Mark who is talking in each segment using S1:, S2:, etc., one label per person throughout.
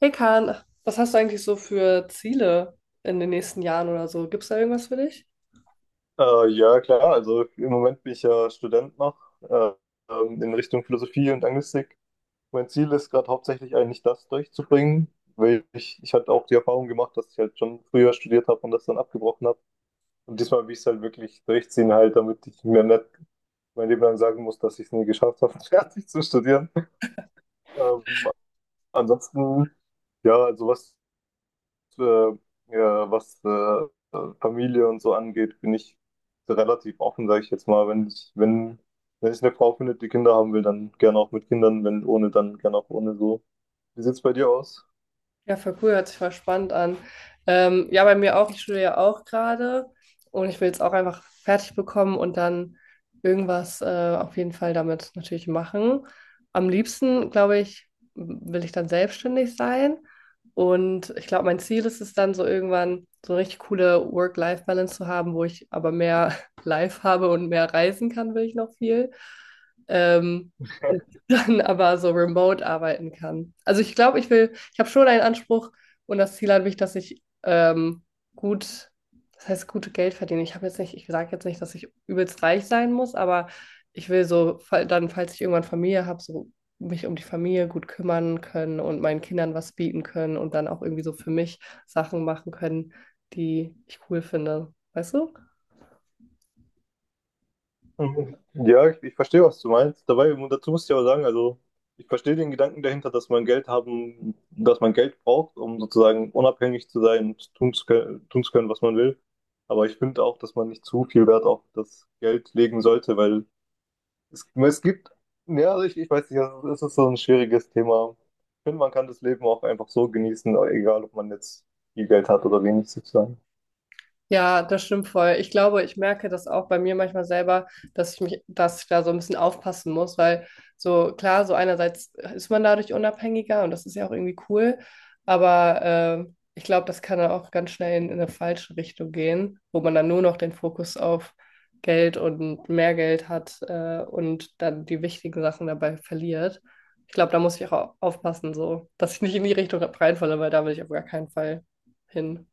S1: Hey Kahn, was hast du eigentlich so für Ziele in den nächsten Jahren oder so? Gibt es da irgendwas für dich?
S2: Ja, klar. Also im Moment bin ich ja Student noch äh, in Richtung Philosophie und Anglistik. Mein Ziel ist gerade hauptsächlich eigentlich das durchzubringen, weil ich hatte auch die Erfahrung gemacht, dass ich halt schon früher studiert habe und das dann abgebrochen habe. Und diesmal will ich es halt wirklich durchziehen, halt, damit ich mir nicht mein Leben lang sagen muss, dass ich es nie geschafft habe, fertig zu studieren. Ähm, ansonsten, ja, also äh, ja, was Familie und so angeht, bin ich relativ offen, sage ich jetzt mal. Wenn ich eine Frau finde, die Kinder haben will, dann gerne auch mit Kindern, wenn ohne, dann gerne auch ohne so. Wie sieht's bei dir aus?
S1: Ja, voll cool, hört sich voll spannend an. Ja, bei mir auch, ich studiere ja auch gerade und ich will jetzt auch einfach fertig bekommen und dann irgendwas auf jeden Fall damit natürlich machen. Am liebsten, glaube ich, will ich dann selbstständig sein, und ich glaube, mein Ziel ist es dann so irgendwann so eine richtig coole Work-Life-Balance zu haben, wo ich aber mehr Life habe und mehr reisen kann, will ich noch viel. Ähm, und dann aber so remote arbeiten kann. Also ich glaube, ich habe schon einen Anspruch und das Ziel an mich, dass ich gut, das heißt, gute Geld verdiene. Ich habe jetzt nicht, ich sage jetzt nicht, dass ich übelst reich sein muss, aber ich will so, dann, falls ich irgendwann Familie habe, so mich um die Familie gut kümmern können und meinen Kindern was bieten können und dann auch irgendwie so für mich Sachen machen können, die ich cool finde. Weißt du?
S2: Mhm. Ja, ich verstehe, was du meinst. Dabei, dazu muss ich aber sagen, also ich verstehe den Gedanken dahinter, dass man Geld haben, dass man Geld braucht, um sozusagen unabhängig zu sein und tun zu können, was man will. Aber ich finde auch, dass man nicht zu viel Wert auf das Geld legen sollte, weil es gibt, ja, also ich weiß nicht, also es ist so ein schwieriges Thema. Ich finde, man kann das Leben auch einfach so genießen, egal ob man jetzt viel Geld hat oder wenig sozusagen.
S1: Ja, das stimmt voll. Ich glaube, ich merke das auch bei mir manchmal selber, dass ich da so ein bisschen aufpassen muss, weil so klar, so einerseits ist man dadurch unabhängiger und das ist ja auch irgendwie cool, aber ich glaube, das kann dann auch ganz schnell in eine falsche Richtung gehen, wo man dann nur noch den Fokus auf Geld und mehr Geld hat, und dann die wichtigen Sachen dabei verliert. Ich glaube, da muss ich auch aufpassen, so, dass ich nicht in die Richtung reinfalle, weil da will ich auf gar keinen Fall hin.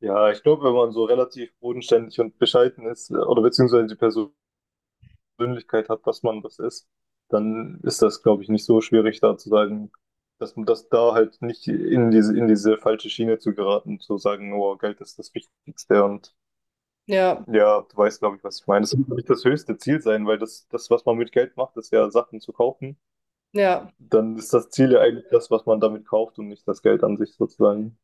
S2: Ja, ich glaube, wenn man so relativ bodenständig und bescheiden ist oder beziehungsweise die Persönlichkeit hat, dass man das ist, dann ist das, glaube ich, nicht so schwierig, da zu sagen, dass man das da halt nicht in diese falsche Schiene zu geraten, zu sagen, oh, Geld ist das Wichtigste und
S1: Ja,
S2: ja, du weißt, glaube ich, was ich meine. Das muss nicht das höchste Ziel sein, weil das, was man mit Geld macht, ist ja Sachen zu kaufen.
S1: ja.
S2: Dann ist das Ziel ja eigentlich das, was man damit kauft und nicht das Geld an sich sozusagen.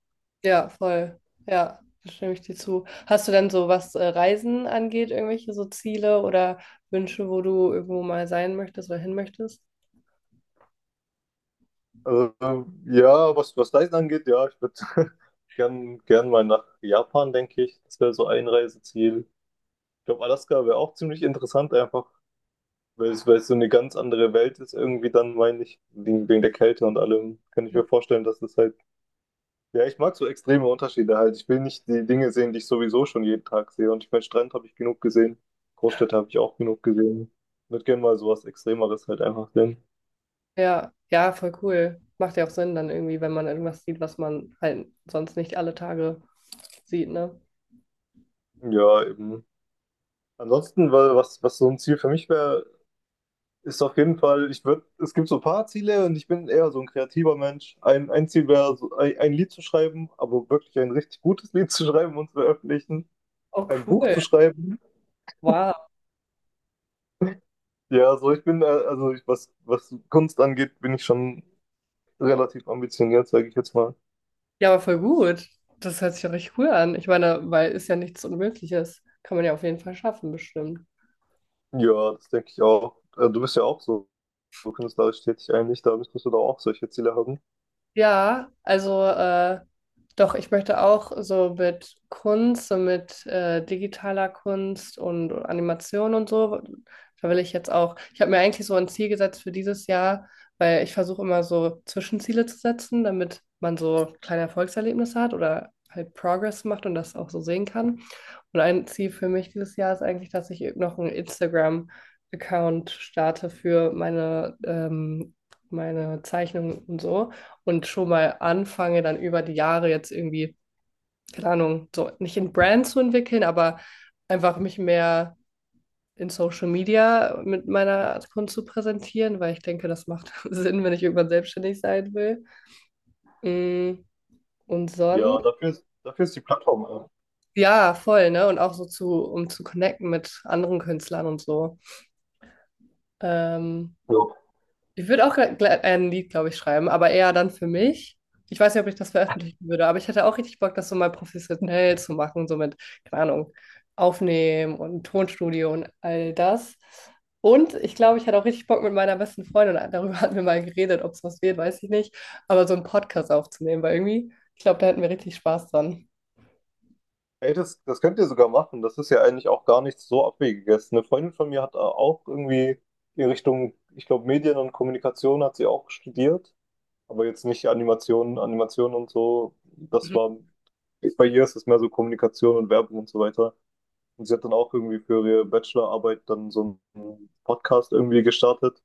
S1: Ja, voll. Ja, da stimme ich dir zu. Hast du denn so, was Reisen angeht, irgendwelche so Ziele oder Wünsche, wo du irgendwo mal sein möchtest oder hin möchtest?
S2: Also, ja, was Reisen angeht, ja, ich würde gern mal nach Japan, denke ich. Das wäre so ein Reiseziel. Ich glaube, Alaska wäre auch ziemlich interessant, einfach, weil es so eine ganz andere Welt ist, irgendwie dann, meine ich, wegen der Kälte und allem. Kann ich mir vorstellen, dass es halt ja, ich mag so extreme Unterschiede halt. Ich will nicht die Dinge sehen, die ich sowieso schon jeden Tag sehe. Und ich meine, Strand habe ich genug gesehen. Großstädte habe ich auch genug gesehen. Ich würde gerne mal sowas Extremeres halt einfach sehen.
S1: Ja, ja, voll cool. Macht ja auch Sinn dann irgendwie, wenn man irgendwas sieht, was man halt sonst nicht alle Tage sieht, ne?
S2: Ja, eben. Ansonsten, weil was so ein Ziel für mich wäre, ist auf jeden Fall, ich würde, es gibt so ein paar Ziele und ich bin eher so ein kreativer Mensch. Ein Ziel wäre, so ein Lied zu schreiben, aber wirklich ein richtig gutes Lied zu schreiben und zu veröffentlichen.
S1: Oh,
S2: Ein
S1: cool.
S2: Buch zu schreiben.
S1: Wow.
S2: Ja, so ich bin, also ich, was Kunst angeht, bin ich schon relativ ambitioniert, sage ich jetzt mal.
S1: Ja, aber voll gut. Das hört sich ja richtig cool an. Ich meine, weil ist ja nichts Unmögliches. Kann man ja auf jeden Fall schaffen, bestimmt.
S2: Ja, das denke ich auch. Du bist ja auch so, so künstlerisch tätig eigentlich, da müsstest du doch auch solche Ziele haben.
S1: Ja, also doch, ich möchte auch so mit Kunst, so mit digitaler Kunst und Animation und so, da will ich jetzt auch, ich habe mir eigentlich so ein Ziel gesetzt für dieses Jahr, weil ich versuche immer so Zwischenziele zu setzen, damit man so kleine Erfolgserlebnisse hat oder halt Progress macht und das auch so sehen kann. Und ein Ziel für mich dieses Jahr ist eigentlich, dass ich noch einen Instagram-Account starte für meine, meine Zeichnungen und so, und schon mal anfange, dann über die Jahre jetzt irgendwie, keine Ahnung, so nicht in Brand zu entwickeln, aber einfach mich mehr in Social Media mit meiner Kunst zu präsentieren, weil ich denke, das macht Sinn, wenn ich irgendwann selbstständig sein will. Mm, und
S2: Ja,
S1: sonst,
S2: dafür ist die Plattform.
S1: ja, voll, ne? Und auch so zu, um zu connecten mit anderen Künstlern und so. Ähm,
S2: Ja.
S1: Ich würde auch ein Lied, glaube ich, schreiben, aber eher dann für mich. Ich weiß nicht, ob ich das veröffentlichen würde, aber ich hätte auch richtig Bock, das so mal professionell zu machen, so mit, keine Ahnung, Aufnehmen und Tonstudio und all das. Und ich glaube, ich hätte auch richtig Bock mit meiner besten Freundin, darüber hatten wir mal geredet, ob es was wird, weiß ich nicht, aber so einen Podcast aufzunehmen, weil irgendwie, ich glaube, da hätten wir richtig Spaß dran.
S2: Ey, das könnt ihr sogar machen. Das ist ja eigentlich auch gar nichts so Abwegiges. Eine Freundin von mir hat auch irgendwie in Richtung, ich glaube, Medien und Kommunikation hat sie auch studiert, aber jetzt nicht Animation, Animation und so. Das war, bei ihr ist es mehr so Kommunikation und Werbung und so weiter. Und sie hat dann auch irgendwie für ihre Bachelorarbeit dann so einen Podcast irgendwie gestartet.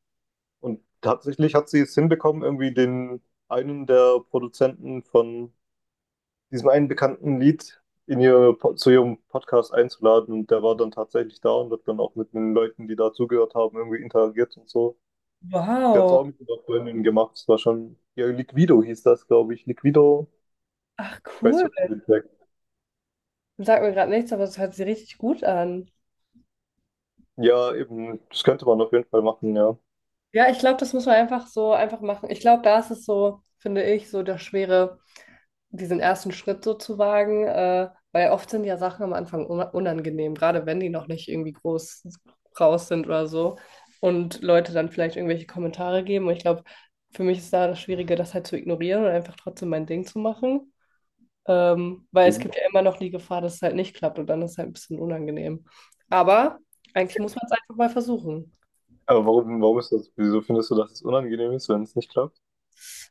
S2: Und tatsächlich hat sie es hinbekommen, irgendwie den einen der Produzenten von diesem einen bekannten Lied in zu ihrem Podcast einzuladen. Und der war dann tatsächlich da und hat dann auch mit den Leuten, die da zugehört haben, irgendwie interagiert und so. Der hat es
S1: Wow.
S2: auch mit einer Freundin gemacht. Es war schon, ja, Liquido hieß das, glaube ich. Liquido.
S1: Ach,
S2: Ich weiß nicht,
S1: cool.
S2: ob du den sagst.
S1: Sagt mir gerade nichts, aber es hört sich richtig gut an.
S2: Ja, eben, das könnte man auf jeden Fall machen, ja.
S1: Ja, ich glaube, das muss man einfach so einfach machen. Ich glaube, da ist es so, finde ich, so der Schwere, diesen ersten Schritt so zu wagen, weil oft sind ja Sachen am Anfang unangenehm, gerade wenn die noch nicht irgendwie groß raus sind oder so, und Leute dann vielleicht irgendwelche Kommentare geben. Und ich glaube, für mich ist da das Schwierige, das halt zu ignorieren und einfach trotzdem mein Ding zu machen, weil es gibt ja immer noch die Gefahr, dass es halt nicht klappt und dann ist es halt ein bisschen unangenehm. Aber eigentlich muss man es einfach mal versuchen.
S2: Aber warum ist das, wieso findest du, dass es unangenehm ist, wenn es nicht klappt?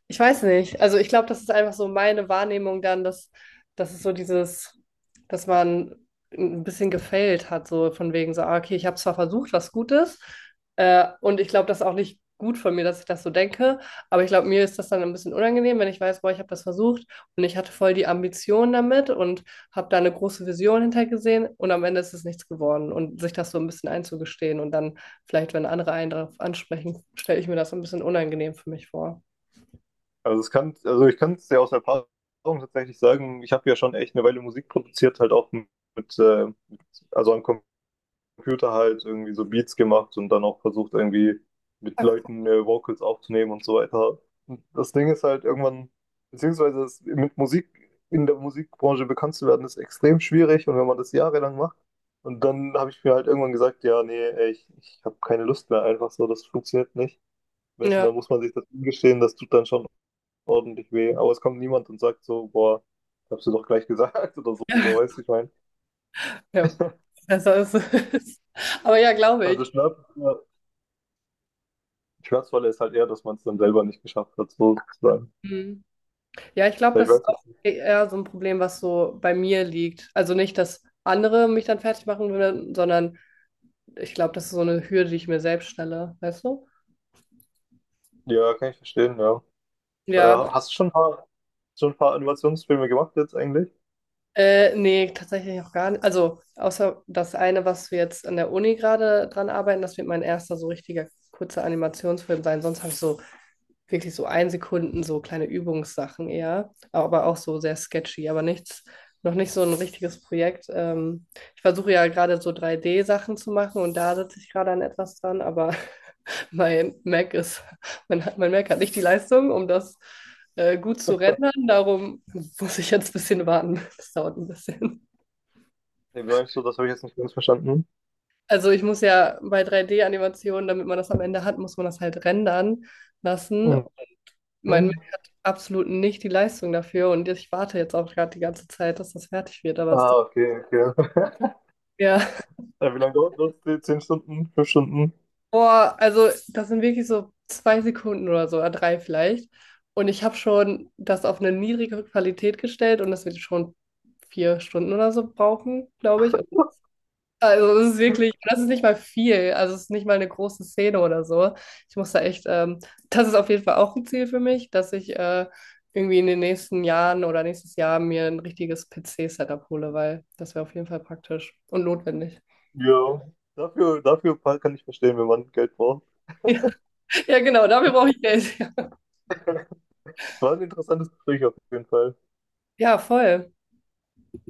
S1: Ich weiß nicht. Also ich glaube, das ist einfach so meine Wahrnehmung dann, dass es so dieses, dass man ein bisschen gefailt hat, so von wegen so, ah, okay, ich habe zwar versucht, was Gutes, und ich glaube, das ist auch nicht gut von mir, dass ich das so denke, aber ich glaube, mir ist das dann ein bisschen unangenehm, wenn ich weiß, boah, ich habe das versucht und ich hatte voll die Ambition damit und habe da eine große Vision hintergesehen und am Ende ist es nichts geworden, und sich das so ein bisschen einzugestehen und dann vielleicht, wenn andere einen darauf ansprechen, stelle ich mir das so ein bisschen unangenehm für mich vor.
S2: Also es kann, also ich kann es ja aus Erfahrung tatsächlich sagen, ich habe ja schon echt eine Weile Musik produziert, halt auch mit also an Computer halt irgendwie so Beats gemacht und dann auch versucht, irgendwie mit Leuten Vocals aufzunehmen und so weiter. Und das Ding ist halt irgendwann, beziehungsweise es, mit Musik in der Musikbranche bekannt zu werden, ist extrem schwierig und wenn man das jahrelang macht. Und dann habe ich mir halt irgendwann gesagt, ja, nee, ey, ich habe keine Lust mehr, einfach so, das funktioniert nicht. Weißt du,
S1: Ja.
S2: dann muss man sich das eingestehen, das tut dann schon ordentlich weh. Aber es kommt niemand und sagt so, boah, hab's dir doch gleich gesagt oder so, weißt du, ich meine.
S1: Ja, besser ist es. Aber ja, glaube
S2: Ja,
S1: ich.
S2: das nervt, Schmerzvolle ist halt eher, dass man es dann selber nicht geschafft hat, so sozusagen.
S1: Mhm. Ja, ich glaube,
S2: Ja, ich
S1: das
S2: weiß
S1: ist auch
S2: jetzt nicht.
S1: eher so ein Problem, was so bei mir liegt. Also nicht, dass andere mich dann fertig machen würden, sondern ich glaube, das ist so eine Hürde, die ich mir selbst stelle, weißt du?
S2: Ja, kann ich verstehen, ja. Äh,
S1: Ja,
S2: hast du schon ein paar Animationsfilme gemacht jetzt eigentlich?
S1: nee, tatsächlich auch gar nicht. Also, außer das eine, was wir jetzt an der Uni gerade dran arbeiten, das wird mein erster so richtiger kurzer Animationsfilm sein. Sonst habe ich so wirklich so ein Sekunden, so kleine Übungssachen eher, aber auch so sehr sketchy, aber nichts, noch nicht so ein richtiges Projekt. Ich versuche ja gerade so 3D-Sachen zu machen und da sitze ich gerade an etwas dran, aber mein Mac ist, mein Mac hat nicht die Leistung, um das gut zu rendern. Darum muss ich jetzt ein bisschen warten. Das dauert ein bisschen.
S2: Ja, wie meinst du, das habe ich jetzt nicht ganz verstanden.
S1: Also ich muss ja bei 3D-Animationen, damit man das am Ende hat, muss man das halt rendern lassen.
S2: Mhm.
S1: Mein Mac hat absolut nicht die Leistung dafür und ich warte jetzt auch gerade die ganze Zeit, dass das fertig wird, aber es
S2: Ah,
S1: dauert.
S2: okay, okay.
S1: Ja,
S2: Wie lange dauert das? Die 10 Stunden? 5 Stunden?
S1: boah, also das sind wirklich so zwei Sekunden oder so, oder drei vielleicht. Und ich habe schon das auf eine niedrige Qualität gestellt und das wird schon vier Stunden oder so brauchen, glaube ich. Und also es ist wirklich, das ist nicht mal viel, also es ist nicht mal eine große Szene oder so. Ich muss da echt, das ist auf jeden Fall auch ein Ziel für mich, dass ich irgendwie in den nächsten Jahren oder nächstes Jahr mir ein richtiges PC-Setup hole, weil das wäre auf jeden Fall praktisch und notwendig.
S2: Ja. Dafür kann ich verstehen, wenn man Geld braucht.
S1: Ja, genau, dafür brauche ich Geld.
S2: Es war ein interessantes Gespräch auf jeden Fall.
S1: Ja, voll.